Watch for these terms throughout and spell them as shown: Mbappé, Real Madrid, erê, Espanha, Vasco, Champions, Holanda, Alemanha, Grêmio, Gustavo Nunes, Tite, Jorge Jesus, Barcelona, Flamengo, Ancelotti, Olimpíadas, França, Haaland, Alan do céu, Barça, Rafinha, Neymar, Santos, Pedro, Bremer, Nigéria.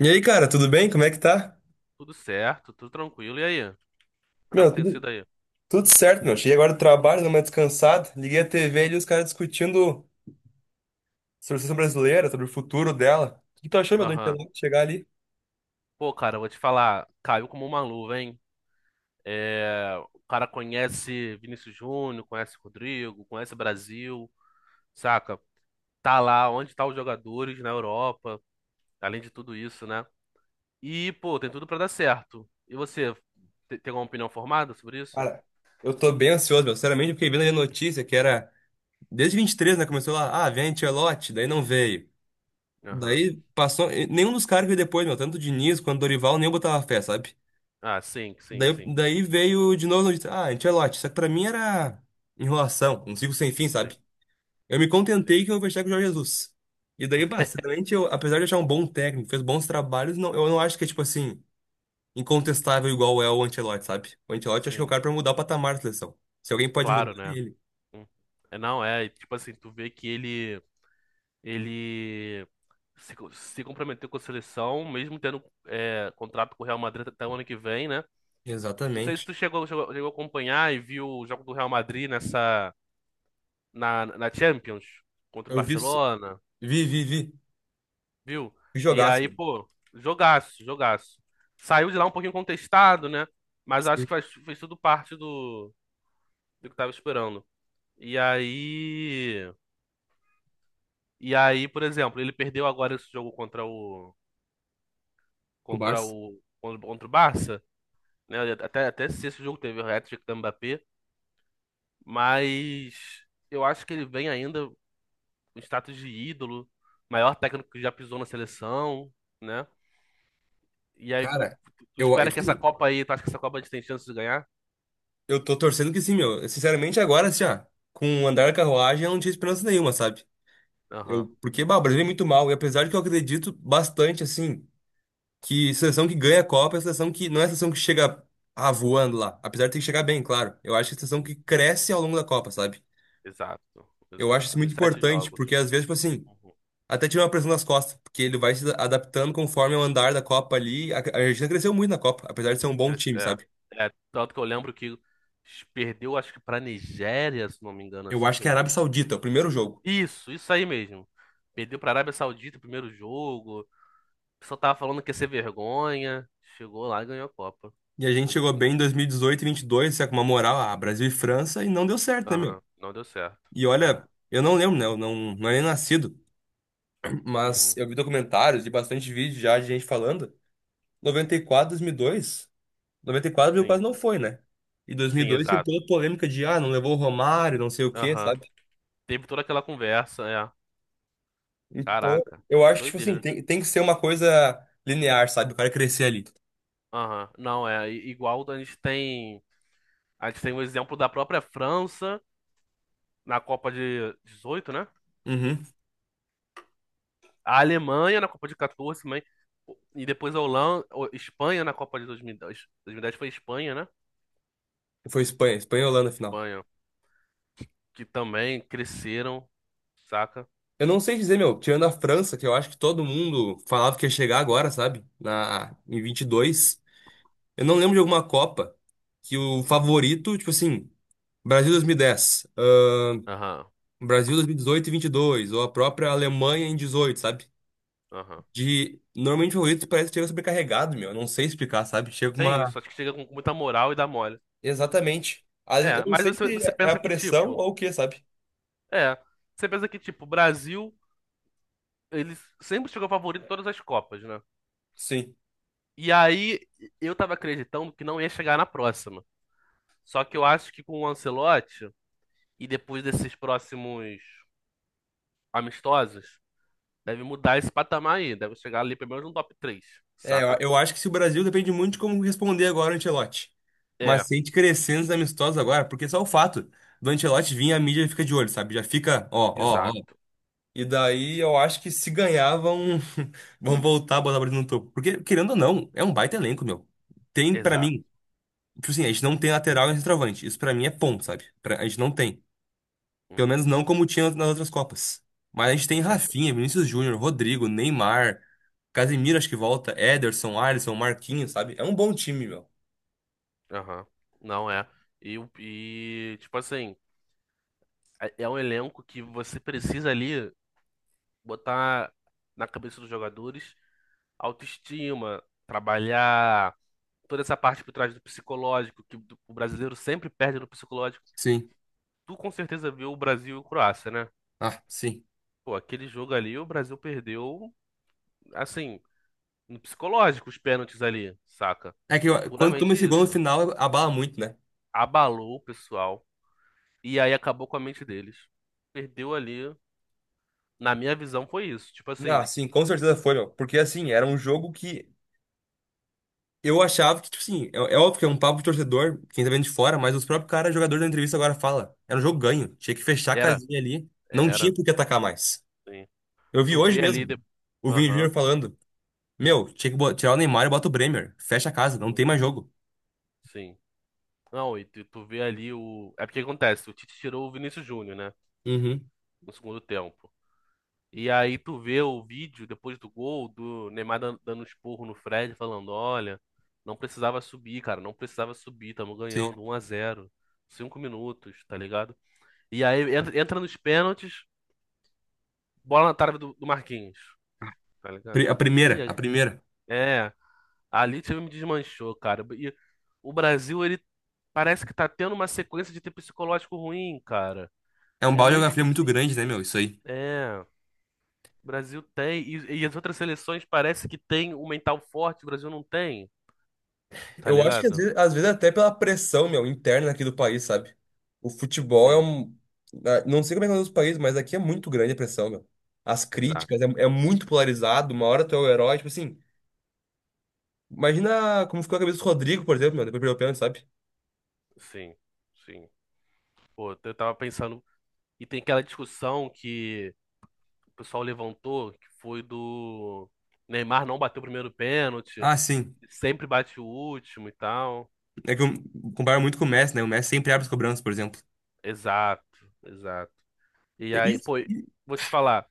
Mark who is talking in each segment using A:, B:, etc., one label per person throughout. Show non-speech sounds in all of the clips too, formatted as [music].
A: E aí, cara, tudo bem? Como é que tá?
B: Tudo certo, tudo tranquilo. E aí? Como é que
A: Meu,
B: tem
A: tudo,
B: sido aí?
A: tudo certo, meu. Cheguei agora do trabalho, dei uma descansada. Liguei a TV ali, os caras discutindo sobre a seleção brasileira, sobre o futuro dela. O que tu achou, meu, do
B: Aham.
A: Ancelotti chegar ali?
B: Pô, cara, eu vou te falar, caiu como uma luva, hein? É, o cara conhece Vinícius Júnior, conhece Rodrigo, conhece Brasil, saca? Tá lá onde tá os jogadores na Europa, além de tudo isso, né? E, pô, tem tudo pra dar certo. E você, tem alguma opinião formada sobre isso?
A: Cara, eu tô bem ansioso, meu. Sinceramente, eu fiquei vendo ali a notícia que era... Desde 23, né, começou lá, ah, vem Ancelotti, daí não veio.
B: Aham.
A: Daí passou... e nenhum dos caras veio depois, meu. Tanto o Diniz quanto o Dorival, nem eu botava fé, sabe?
B: Ah, sim, sim,
A: Daí,
B: sim,
A: daí veio de novo a notícia, ah, Ancelotti. Só que pra mim era enrolação, um ciclo sem fim,
B: sim,
A: sabe? Eu me
B: sim,
A: contentei que eu fechar com o Jorge Jesus. E daí, bah, sinceramente, eu, apesar de achar um bom técnico, fez bons trabalhos, não, eu não acho que é, tipo assim, incontestável igual é o Ancelotti, sabe? O Ancelotti acho que é o
B: sim.
A: cara pra mudar o patamar da seleção. Se alguém pode mudar,
B: Claro,
A: é
B: né?
A: ele.
B: Hum. É, não, é, tipo assim, tu vê que ele, ele se comprometeu com a seleção, mesmo tendo contrato com o Real Madrid até o ano que vem, né? Não sei se
A: Exatamente.
B: tu chegou a acompanhar e viu o jogo do Real Madrid na Champions contra o
A: Eu vi
B: Barcelona,
A: vi, vi, vi.
B: viu?
A: Vi
B: E
A: jogaço,
B: aí,
A: mano.
B: pô, jogaço, jogaço. Saiu de lá um pouquinho contestado, né? Mas acho
A: Sim,
B: que fez tudo parte do que tava esperando. E aí. E aí, por exemplo, ele perdeu agora esse jogo contra o.
A: o
B: Contra
A: Barça.
B: o. Contra o Barça. Né? Até se esse jogo teve o hat-trick do Mbappé, mas eu acho que ele vem ainda com status de ídolo, maior técnico que já pisou na seleção, né? E aí tu,
A: Cara,
B: tu
A: eu, é,
B: espera que
A: tipo
B: essa
A: assim,
B: Copa aí, tu acha que essa Copa a gente tem chance de ganhar?
A: eu tô torcendo que sim, meu. Sinceramente, agora, assim, ó, com o andar da carruagem, eu não tinha esperança nenhuma, sabe? Eu,
B: Aham,
A: porque, bah, o Brasil é muito mal, e apesar de que eu acredito bastante, assim. Que seleção que ganha a Copa é a seleção que não é a seleção que chega, ah, voando lá, apesar de ter que chegar bem, claro. Eu acho que é a seleção
B: sim,
A: que cresce ao longo da Copa, sabe?
B: exato,
A: Eu acho
B: exato.
A: isso muito
B: Nos sete
A: importante,
B: jogos.
A: porque às vezes, tipo assim,
B: Uhum.
A: até tira uma pressão das costas, porque ele vai se adaptando conforme o andar da Copa ali. A Argentina cresceu muito na Copa, apesar de ser um bom
B: Cres-
A: time,
B: É,
A: sabe?
B: é, tanto que eu lembro que perdeu, acho que pra Nigéria, se não me engano,
A: Eu
B: assim,
A: acho que é a Arábia
B: primeiro.
A: Saudita, o primeiro jogo.
B: Isso aí mesmo. Perdeu pra Arábia Saudita o primeiro jogo. O pessoal tava falando que ia ser vergonha. Chegou lá e ganhou a Copa.
A: E a gente
B: Foi de
A: chegou bem em
B: cantinho.
A: 2018 e 22, sabe, com uma moral, ah, Brasil e França, e não deu certo, né, meu?
B: Aham, não deu certo.
A: E
B: É.
A: olha, eu não lembro, né? Eu não era nem nascido, mas
B: Uhum.
A: eu vi documentários e bastante vídeo já de gente falando. Noventa e quatro, 2002. 94 ele
B: Sim,
A: quase não foi, né? E dois mil e
B: sim,
A: dois teve toda
B: exato.
A: a polêmica de, ah, não levou o Romário, não sei o quê,
B: Aham.
A: sabe?
B: Teve toda aquela conversa, é.
A: Então,
B: Caraca,
A: eu acho que, tipo assim,
B: doideira.
A: tem que ser uma coisa linear, sabe? O cara crescer ali.
B: Aham. Não, é. Igual a gente tem. A gente tem o exemplo da própria França na Copa de 18, né?
A: Uhum.
B: A Alemanha na Copa de 14, mas. E depois a Holanda, Espanha na Copa de 2010. 2010 foi Espanha, né?
A: Foi Espanha, Espanha e Holanda final.
B: Espanha. Que também cresceram, saca?
A: Eu não sei dizer, meu, tirando a França, que eu acho que todo mundo falava que ia chegar agora, sabe? Na, em 22. Eu não lembro de alguma Copa que o favorito, tipo assim, Brasil 2010,
B: Aham,
A: Brasil 2018 e 18 e 22, ou a própria Alemanha em 18, sabe?
B: aham.
A: De. Normalmente o Doritos parece que chega sobrecarregado, meu. Eu não sei explicar, sabe? Chega
B: Tem
A: uma.
B: isso, acho que chega com muita moral e dá mole.
A: Exatamente. A- eu
B: É,
A: não
B: mas
A: sei
B: você,
A: se
B: você
A: é a
B: pensa que,
A: pressão
B: tipo,
A: ou o que, sabe?
B: é, você pensa que, tipo, o Brasil, ele sempre chegou favorito em todas as Copas, né?
A: Sim.
B: E aí, eu tava acreditando que não ia chegar na próxima. Só que eu acho que com o Ancelotti, e depois desses próximos amistosos, deve mudar esse patamar aí, deve chegar ali pelo menos no top três,
A: É, eu
B: saca?
A: eu acho que se o Brasil depende muito de como responder agora o Ancelotti. Mas
B: É,
A: se a gente crescer nos amistosos agora, porque só o fato do Ancelotti vir, a mídia fica de olho, sabe? Já fica, ó, ó, ó.
B: exato,
A: E daí eu acho que se ganhar, vão, [laughs] vão voltar a botar o Brasil no topo. Porque, querendo ou não, é um baita elenco, meu. Tem, pra
B: exato.
A: mim. Tipo assim, a gente não tem lateral e centroavante. Isso pra mim é ponto, sabe? Pra- a gente não tem. Pelo
B: Uhum,
A: menos não como tinha nas outras Copas. Mas a gente
B: com
A: tem
B: certeza.
A: Rafinha, Vinícius Júnior, Rodrigo, Neymar, Casemiro, acho que volta, Ederson, Alisson, Marquinhos, sabe? É um bom time, meu.
B: Aham, não é. E, tipo assim. É um elenco que você precisa ali botar na cabeça dos jogadores autoestima, trabalhar toda essa parte por trás do psicológico, que o brasileiro sempre perde no psicológico.
A: Sim.
B: Tu com certeza viu o Brasil e o Croácia, né?
A: Ah, sim.
B: Pô, aquele jogo ali, o Brasil perdeu, assim, no psicológico, os pênaltis ali, saca?
A: É que
B: Foi
A: ó, quando toma
B: puramente
A: esse gol no
B: isso.
A: final, abala muito, né?
B: Abalou o pessoal e aí acabou com a mente deles. Perdeu ali, na minha visão, foi isso. Tipo
A: Ah,
B: assim,
A: sim, com certeza foi, meu. Porque assim, era um jogo que eu achava que, tipo assim, é, é óbvio que é um papo de torcedor, quem tá vendo de fora, mas os próprios caras, jogadores da entrevista agora fala. Era um jogo ganho. Tinha que fechar a
B: era,
A: casinha ali. Não tinha
B: era.
A: por que atacar mais. Eu vi
B: Tu
A: hoje
B: vê ali.
A: mesmo o Vini Júnior
B: Aham.
A: falando: meu, tinha que tirar o Neymar e bota o Bremer. Fecha a casa, não tem
B: Uhum.
A: mais jogo.
B: Sim. Não, e tu vê ali o. É porque acontece, o Tite tirou o Vinícius Júnior, né?
A: Uhum.
B: No segundo tempo. E aí tu vê o vídeo depois do gol do Neymar dando um esporro no Fred, falando: olha, não precisava subir, cara, não precisava subir, tamo
A: Sim.
B: ganhando 1-0 5 minutos, tá ligado? E aí entra nos pênaltis, bola na trave do Marquinhos, tá
A: Pri- A
B: ligado?
A: primeira,
B: E
A: a
B: aí-
A: primeira.
B: é. Ali o time me desmanchou, cara. E o Brasil, ele parece que tá tendo uma sequência de ter psicológico ruim, cara.
A: É um
B: É
A: balde de
B: meio
A: água fria muito grande,
B: esquisito
A: né, meu?
B: isso.
A: Isso aí.
B: É, o Brasil tem. E as outras seleções parece que tem um mental forte, o Brasil não tem, tá
A: Eu acho que às
B: ligado?
A: vezes, às vezes até pela pressão, meu, interna aqui do país, sabe? O futebol é
B: Sim,
A: um. Ah, não sei como é que é nos outros países, mas aqui é muito grande a pressão, meu. As críticas é,
B: exato.
A: é muito polarizado. Uma hora tu é o herói, tipo assim. Imagina como ficou a cabeça do Rodrigo, por exemplo, meu, depois perdeu o pênalti, sabe?
B: Sim, sim. Pô, eu tava pensando. E tem aquela discussão que o pessoal levantou, que foi do Neymar não bateu o primeiro pênalti,
A: Ah, sim.
B: sempre bate o último e tal.
A: É que eu comparo muito com o Messi, né? O Messi sempre abre as cobranças, por exemplo.
B: Exato, exato. E aí,
A: Isso,
B: pô, vou te falar,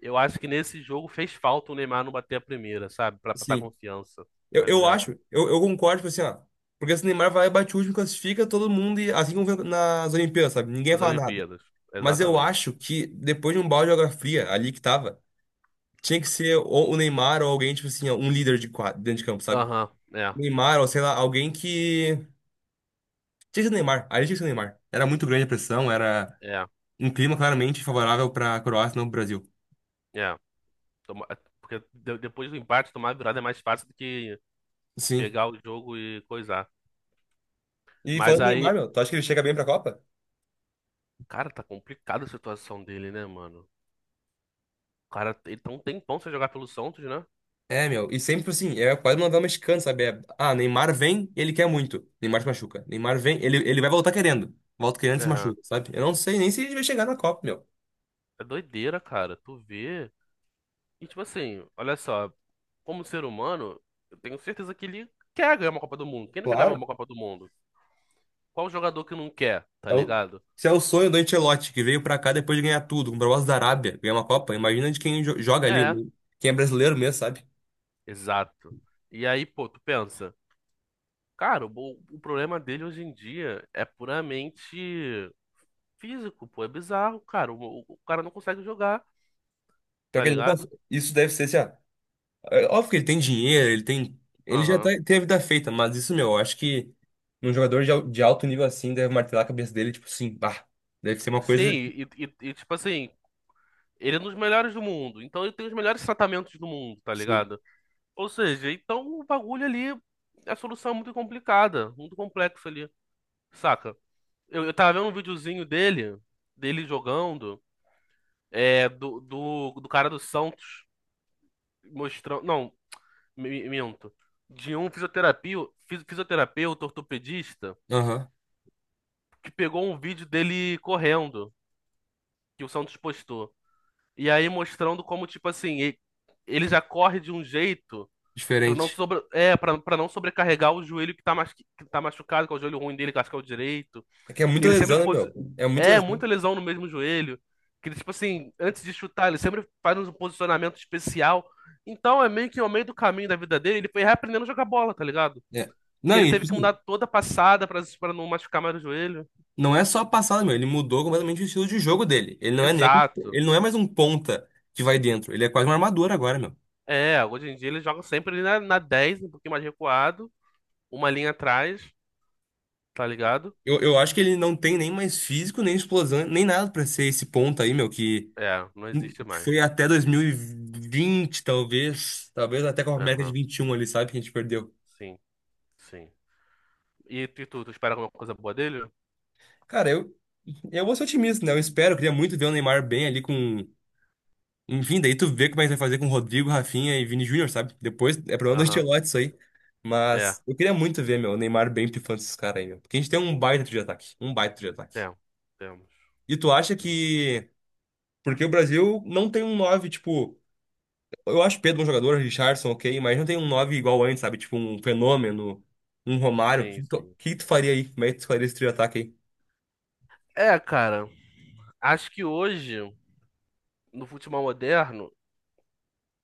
B: eu acho que nesse jogo fez falta o Neymar não bater a primeira, sabe? Pra passar
A: sim.
B: confiança,
A: Eu,
B: tá
A: eu acho,
B: ligado?
A: eu, eu concordo, tipo assim, ó. Porque se o Neymar vai, bate o último, classifica todo mundo, e, assim como foi nas Olimpíadas, sabe? Ninguém
B: Nas
A: fala nada.
B: Olimpíadas,
A: Mas eu
B: exatamente.
A: acho que depois de um balde de água fria ali que tava, tinha que ser ou o Neymar ou alguém, tipo assim, ó, um líder de quadro, dentro de campo, sabe?
B: Aham, é,
A: O Neymar, ou sei lá, alguém que. Tinha que ser o Neymar, ali tinha que ser o Neymar. Era muito grande a pressão, era
B: é,
A: um clima claramente favorável pra Croácia, não pro Brasil.
B: é. Toma- Porque depois do empate, tomar a virada é mais fácil do que
A: Sim.
B: pegar o jogo e coisar.
A: E
B: Mas
A: falando em Neymar,
B: aí,
A: meu, tu acha que ele chega bem pra Copa?
B: cara, tá complicada a situação dele, né, mano? O cara, ele tá um tempão sem jogar pelo Santos, né?
A: É, meu, e sempre assim, é quase uma novela mexicana, sabe? É, ah, Neymar vem, ele quer muito. Neymar se machuca. Neymar vem, ele vai voltar querendo. Volta querendo e se
B: Aham.
A: machuca, sabe? Eu não sei nem se ele vai chegar na Copa, meu.
B: É doideira, cara. Tu vê. E tipo assim, olha só. Como ser humano, eu tenho certeza que ele quer ganhar uma Copa do Mundo. Quem não quer ganhar uma
A: Claro.
B: Copa do Mundo? Qual jogador que não quer, tá
A: É o,
B: ligado?
A: Se é o sonho do Ancelotti, que veio pra cá depois de ganhar tudo, com o propósito da Arábia, ganhar uma Copa, imagina de quem joga ali,
B: É,
A: quem é brasileiro mesmo, sabe?
B: exato. E aí, pô, tu pensa, cara, o problema dele hoje em dia é puramente físico, pô, é bizarro, cara. O cara não consegue jogar,
A: Pior
B: tá
A: que ele nunca-
B: ligado?
A: isso deve ser assim, ah, é óbvio que ele tem dinheiro, ele tem. Ele já tá-
B: Aham.
A: tem a vida feita, mas isso, meu, eu acho que um jogador de, al- de alto nível assim, deve martelar a cabeça dele, tipo assim, bah. Deve ser uma
B: Sim,
A: coisa.
B: e, tipo assim, ele é um dos melhores do mundo, então ele tem os melhores tratamentos do mundo, tá
A: Sim.
B: ligado? Ou seja, então o bagulho ali, é a solução é muito complicada, muito complexa ali. Saca? Eu tava vendo um videozinho dele, dele jogando, do cara do Santos mostrando. Não, minto. De um fisioterapia, fisioterapeuta, ortopedista,
A: Aham.
B: que pegou um vídeo dele correndo, que o Santos postou. E aí mostrando como, tipo assim, ele já corre de um jeito pra não
A: Diferente.
B: para não sobrecarregar o joelho que tá machucado, que é o joelho ruim dele, que eu acho que é o direito.
A: É que é muita
B: Ele sempre
A: lesão, né,
B: posi...
A: meu? É muita
B: É,
A: lesão.
B: muita lesão no mesmo joelho. Que ele, tipo assim, antes de chutar, ele sempre faz um posicionamento especial. Então é meio que ao meio do caminho da vida dele, ele foi reaprendendo a jogar bola, tá ligado?
A: É.
B: Porque
A: Não,
B: ele
A: e
B: teve
A: tipo
B: que
A: assim,
B: mudar toda a passada pra não machucar mais o joelho.
A: não é só a passada, meu. Ele mudou completamente o estilo de jogo dele. Ele não é nem aquele-
B: Exato.
A: ele não é mais um ponta que vai dentro. Ele é quase uma armadura agora, meu.
B: É, hoje em dia ele joga sempre ali na, na 10, um pouquinho mais recuado, uma linha atrás, tá ligado?
A: Eu acho que ele não tem nem mais físico, nem explosão, nem nada pra ser esse ponta aí, meu, que
B: É, não existe mais.
A: foi até 2020 talvez. Talvez até com a Copa América de
B: Aham,
A: 21 ali, sabe? Que a gente perdeu.
B: sim, sim. E tu espera alguma coisa boa dele?
A: Cara, eu vou ser otimista, né? Eu espero, eu queria muito ver o Neymar bem ali com. Enfim, daí tu vê como é que vai fazer com Rodrigo, Rafinha e Vini Júnior, sabe? Depois é problema do
B: Aham,
A: Ancelotti isso aí.
B: é,
A: Mas eu queria muito ver, meu, o Neymar bem pifando esses caras aí, meu. Porque a gente tem um baita de ataque. Um baita de ataque.
B: temos, temos.
A: E tu acha que. Porque o Brasil não tem um 9 tipo. Eu acho Pedro um jogador, Richarlison, ok, mas não tem um 9 igual antes, sabe? Tipo, um Fenômeno, um Romário. O
B: Sim, sim.
A: que tu faria aí? Como é que tu faria esse trio de ataque aí?
B: É, cara, acho que hoje, no futebol moderno,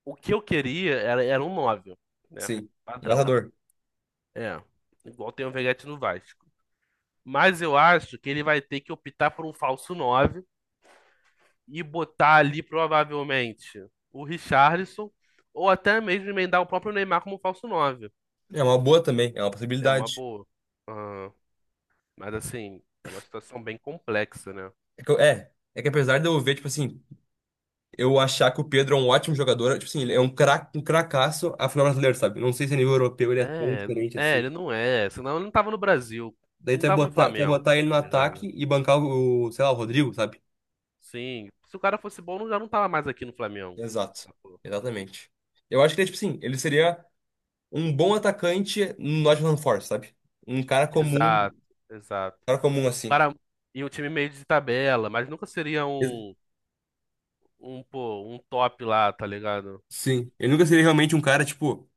B: o que eu queria era um nove, né?
A: Sim. Um
B: Padrão.
A: matador.
B: É. Igual tem o Veguete no Vasco. Mas eu acho que ele vai ter que optar por um falso 9 e botar ali provavelmente o Richarlison ou até mesmo emendar o próprio Neymar como falso nove.
A: É uma boa também, é uma
B: É uma
A: possibilidade.
B: boa. Aham. Mas assim, é uma situação bem complexa, né?
A: É, que é que apesar de eu ver, tipo assim. Eu achar que o Pedro é um ótimo jogador. Tipo assim, ele é um craque, um cracaço a final brasileiro, sabe? Não sei se a nível europeu ele é tão
B: É,
A: diferente
B: é,
A: assim.
B: ele não é. Senão ele não tava no Brasil.
A: Daí
B: Não tava no
A: tu vai
B: Flamengo,
A: botar ele no
B: tá
A: ataque
B: ligado?
A: e bancar o, sei lá, o Rodrigo, sabe?
B: Sim. Se o cara fosse bom, já não tava mais aqui no Flamengo.
A: Exato.
B: Sacou?
A: Exatamente. Eu acho que ele, é, tipo assim, ele seria um bom atacante no Nottingham Forest, sabe?
B: Exato,
A: Um
B: exato.
A: cara comum
B: O
A: assim.
B: cara e um time meio de tabela, mas nunca seria
A: Ex-
B: um, pô, um top lá, tá ligado?
A: sim. Ele nunca seria realmente um cara, tipo.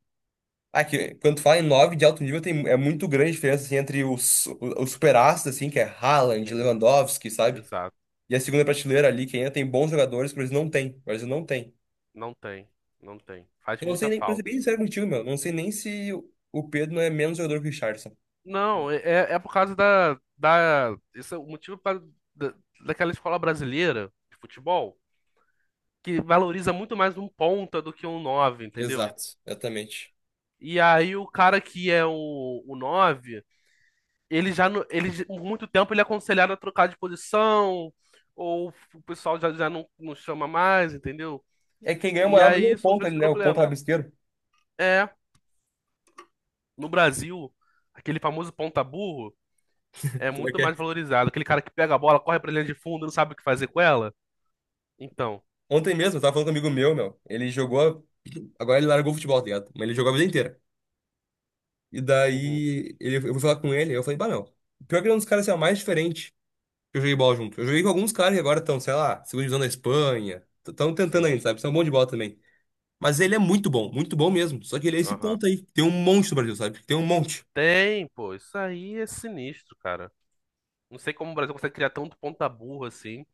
A: Ah, que quando tu fala em nove de alto nível, tem, é muito grande a diferença assim, entre os super-astros, assim, que é Haaland,
B: É,
A: Lewandowski, sabe?
B: exato.
A: E a segunda prateleira ali, que ainda tem bons jogadores, que o Brasil não tem. O Brasil não tem.
B: Não tem, não tem. Faz
A: Eu não sei
B: muita
A: nem, pra ser
B: falta
A: bem
B: isso
A: sincero
B: daí.
A: contigo, meu, não sei nem se o Pedro não é menos jogador que o Richarlison.
B: Não, é, é por causa da. Esse é o motivo por causa da, daquela escola brasileira de futebol. Que valoriza muito mais um ponta do que um 9, entendeu?
A: Exato. Exatamente.
B: E aí o cara que é o 9, ele já não- ele já- por muito tempo ele é aconselhado a trocar de posição, ou o pessoal já não chama mais, entendeu?
A: É quem ganha
B: E
A: moral mesmo é o
B: aí surgiu
A: ponto
B: esse
A: ali, né? O ponto
B: problema.
A: rabisqueiro.
B: É, no Brasil, aquele famoso ponta burro
A: [laughs]
B: é
A: Pior
B: muito
A: que
B: mais
A: é.
B: valorizado. Aquele cara que pega a bola, corre pra linha de fundo, não sabe o que fazer com ela. Então,
A: Ontem mesmo, eu tava falando com um amigo meu, meu. Ele jogou. Agora ele largou o futebol, tá ligado? Mas ele jogou a vida inteira. E
B: uhum,
A: daí ele, eu fui falar com ele, eu falei, bah, meu. Pior que ele é um dos caras assim, ó, mais diferente que eu joguei bola junto. Eu joguei com alguns caras que agora estão, sei lá, segunda divisão da Espanha. Estão tentando
B: sim,
A: ainda, sabe? São bons de bola também. Mas ele é muito bom mesmo. Só que ele é esse
B: aham.
A: ponto aí. Tem um monte no Brasil, sabe? Tem um monte.
B: Tem, pô, isso aí é sinistro, cara. Não sei como o Brasil consegue criar tanto ponta burra assim,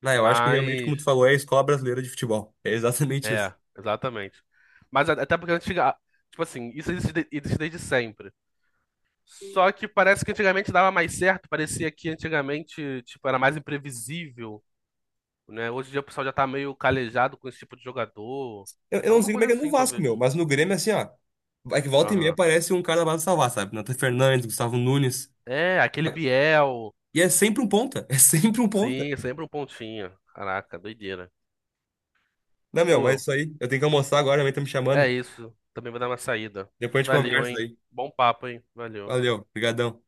A: Não, eu acho que realmente, como
B: mas.
A: tu falou, é a escola brasileira de futebol. É exatamente isso.
B: É, exatamente. Mas até porque antes. Tipo assim, isso existe, existe desde sempre. Só que parece que antigamente dava mais certo, parecia que antigamente, tipo, era mais imprevisível, né? Hoje em dia o pessoal já tá meio calejado com esse tipo de jogador.
A: Eu não
B: Alguma
A: sei como é
B: coisa
A: que é no
B: assim,
A: Vasco,
B: talvez.
A: meu, mas no Grêmio, assim, ó. Vai que volta e meia
B: Aham.
A: aparece um cara da base salvar, sabe? Nathan Fernandes, Gustavo Nunes.
B: É, aquele Biel.
A: E é sempre um ponta. [laughs] É sempre um ponta.
B: Sim, é sempre um pontinho. Caraca, doideira.
A: Não, meu, mas
B: Pô,
A: isso aí. Eu tenho que almoçar agora, a mãe tá me
B: é
A: chamando.
B: isso. Também vou dar uma saída.
A: Depois a gente
B: Valeu,
A: conversa
B: hein?
A: daí.
B: Bom papo, hein? Valeu.
A: Valeu, brigadão.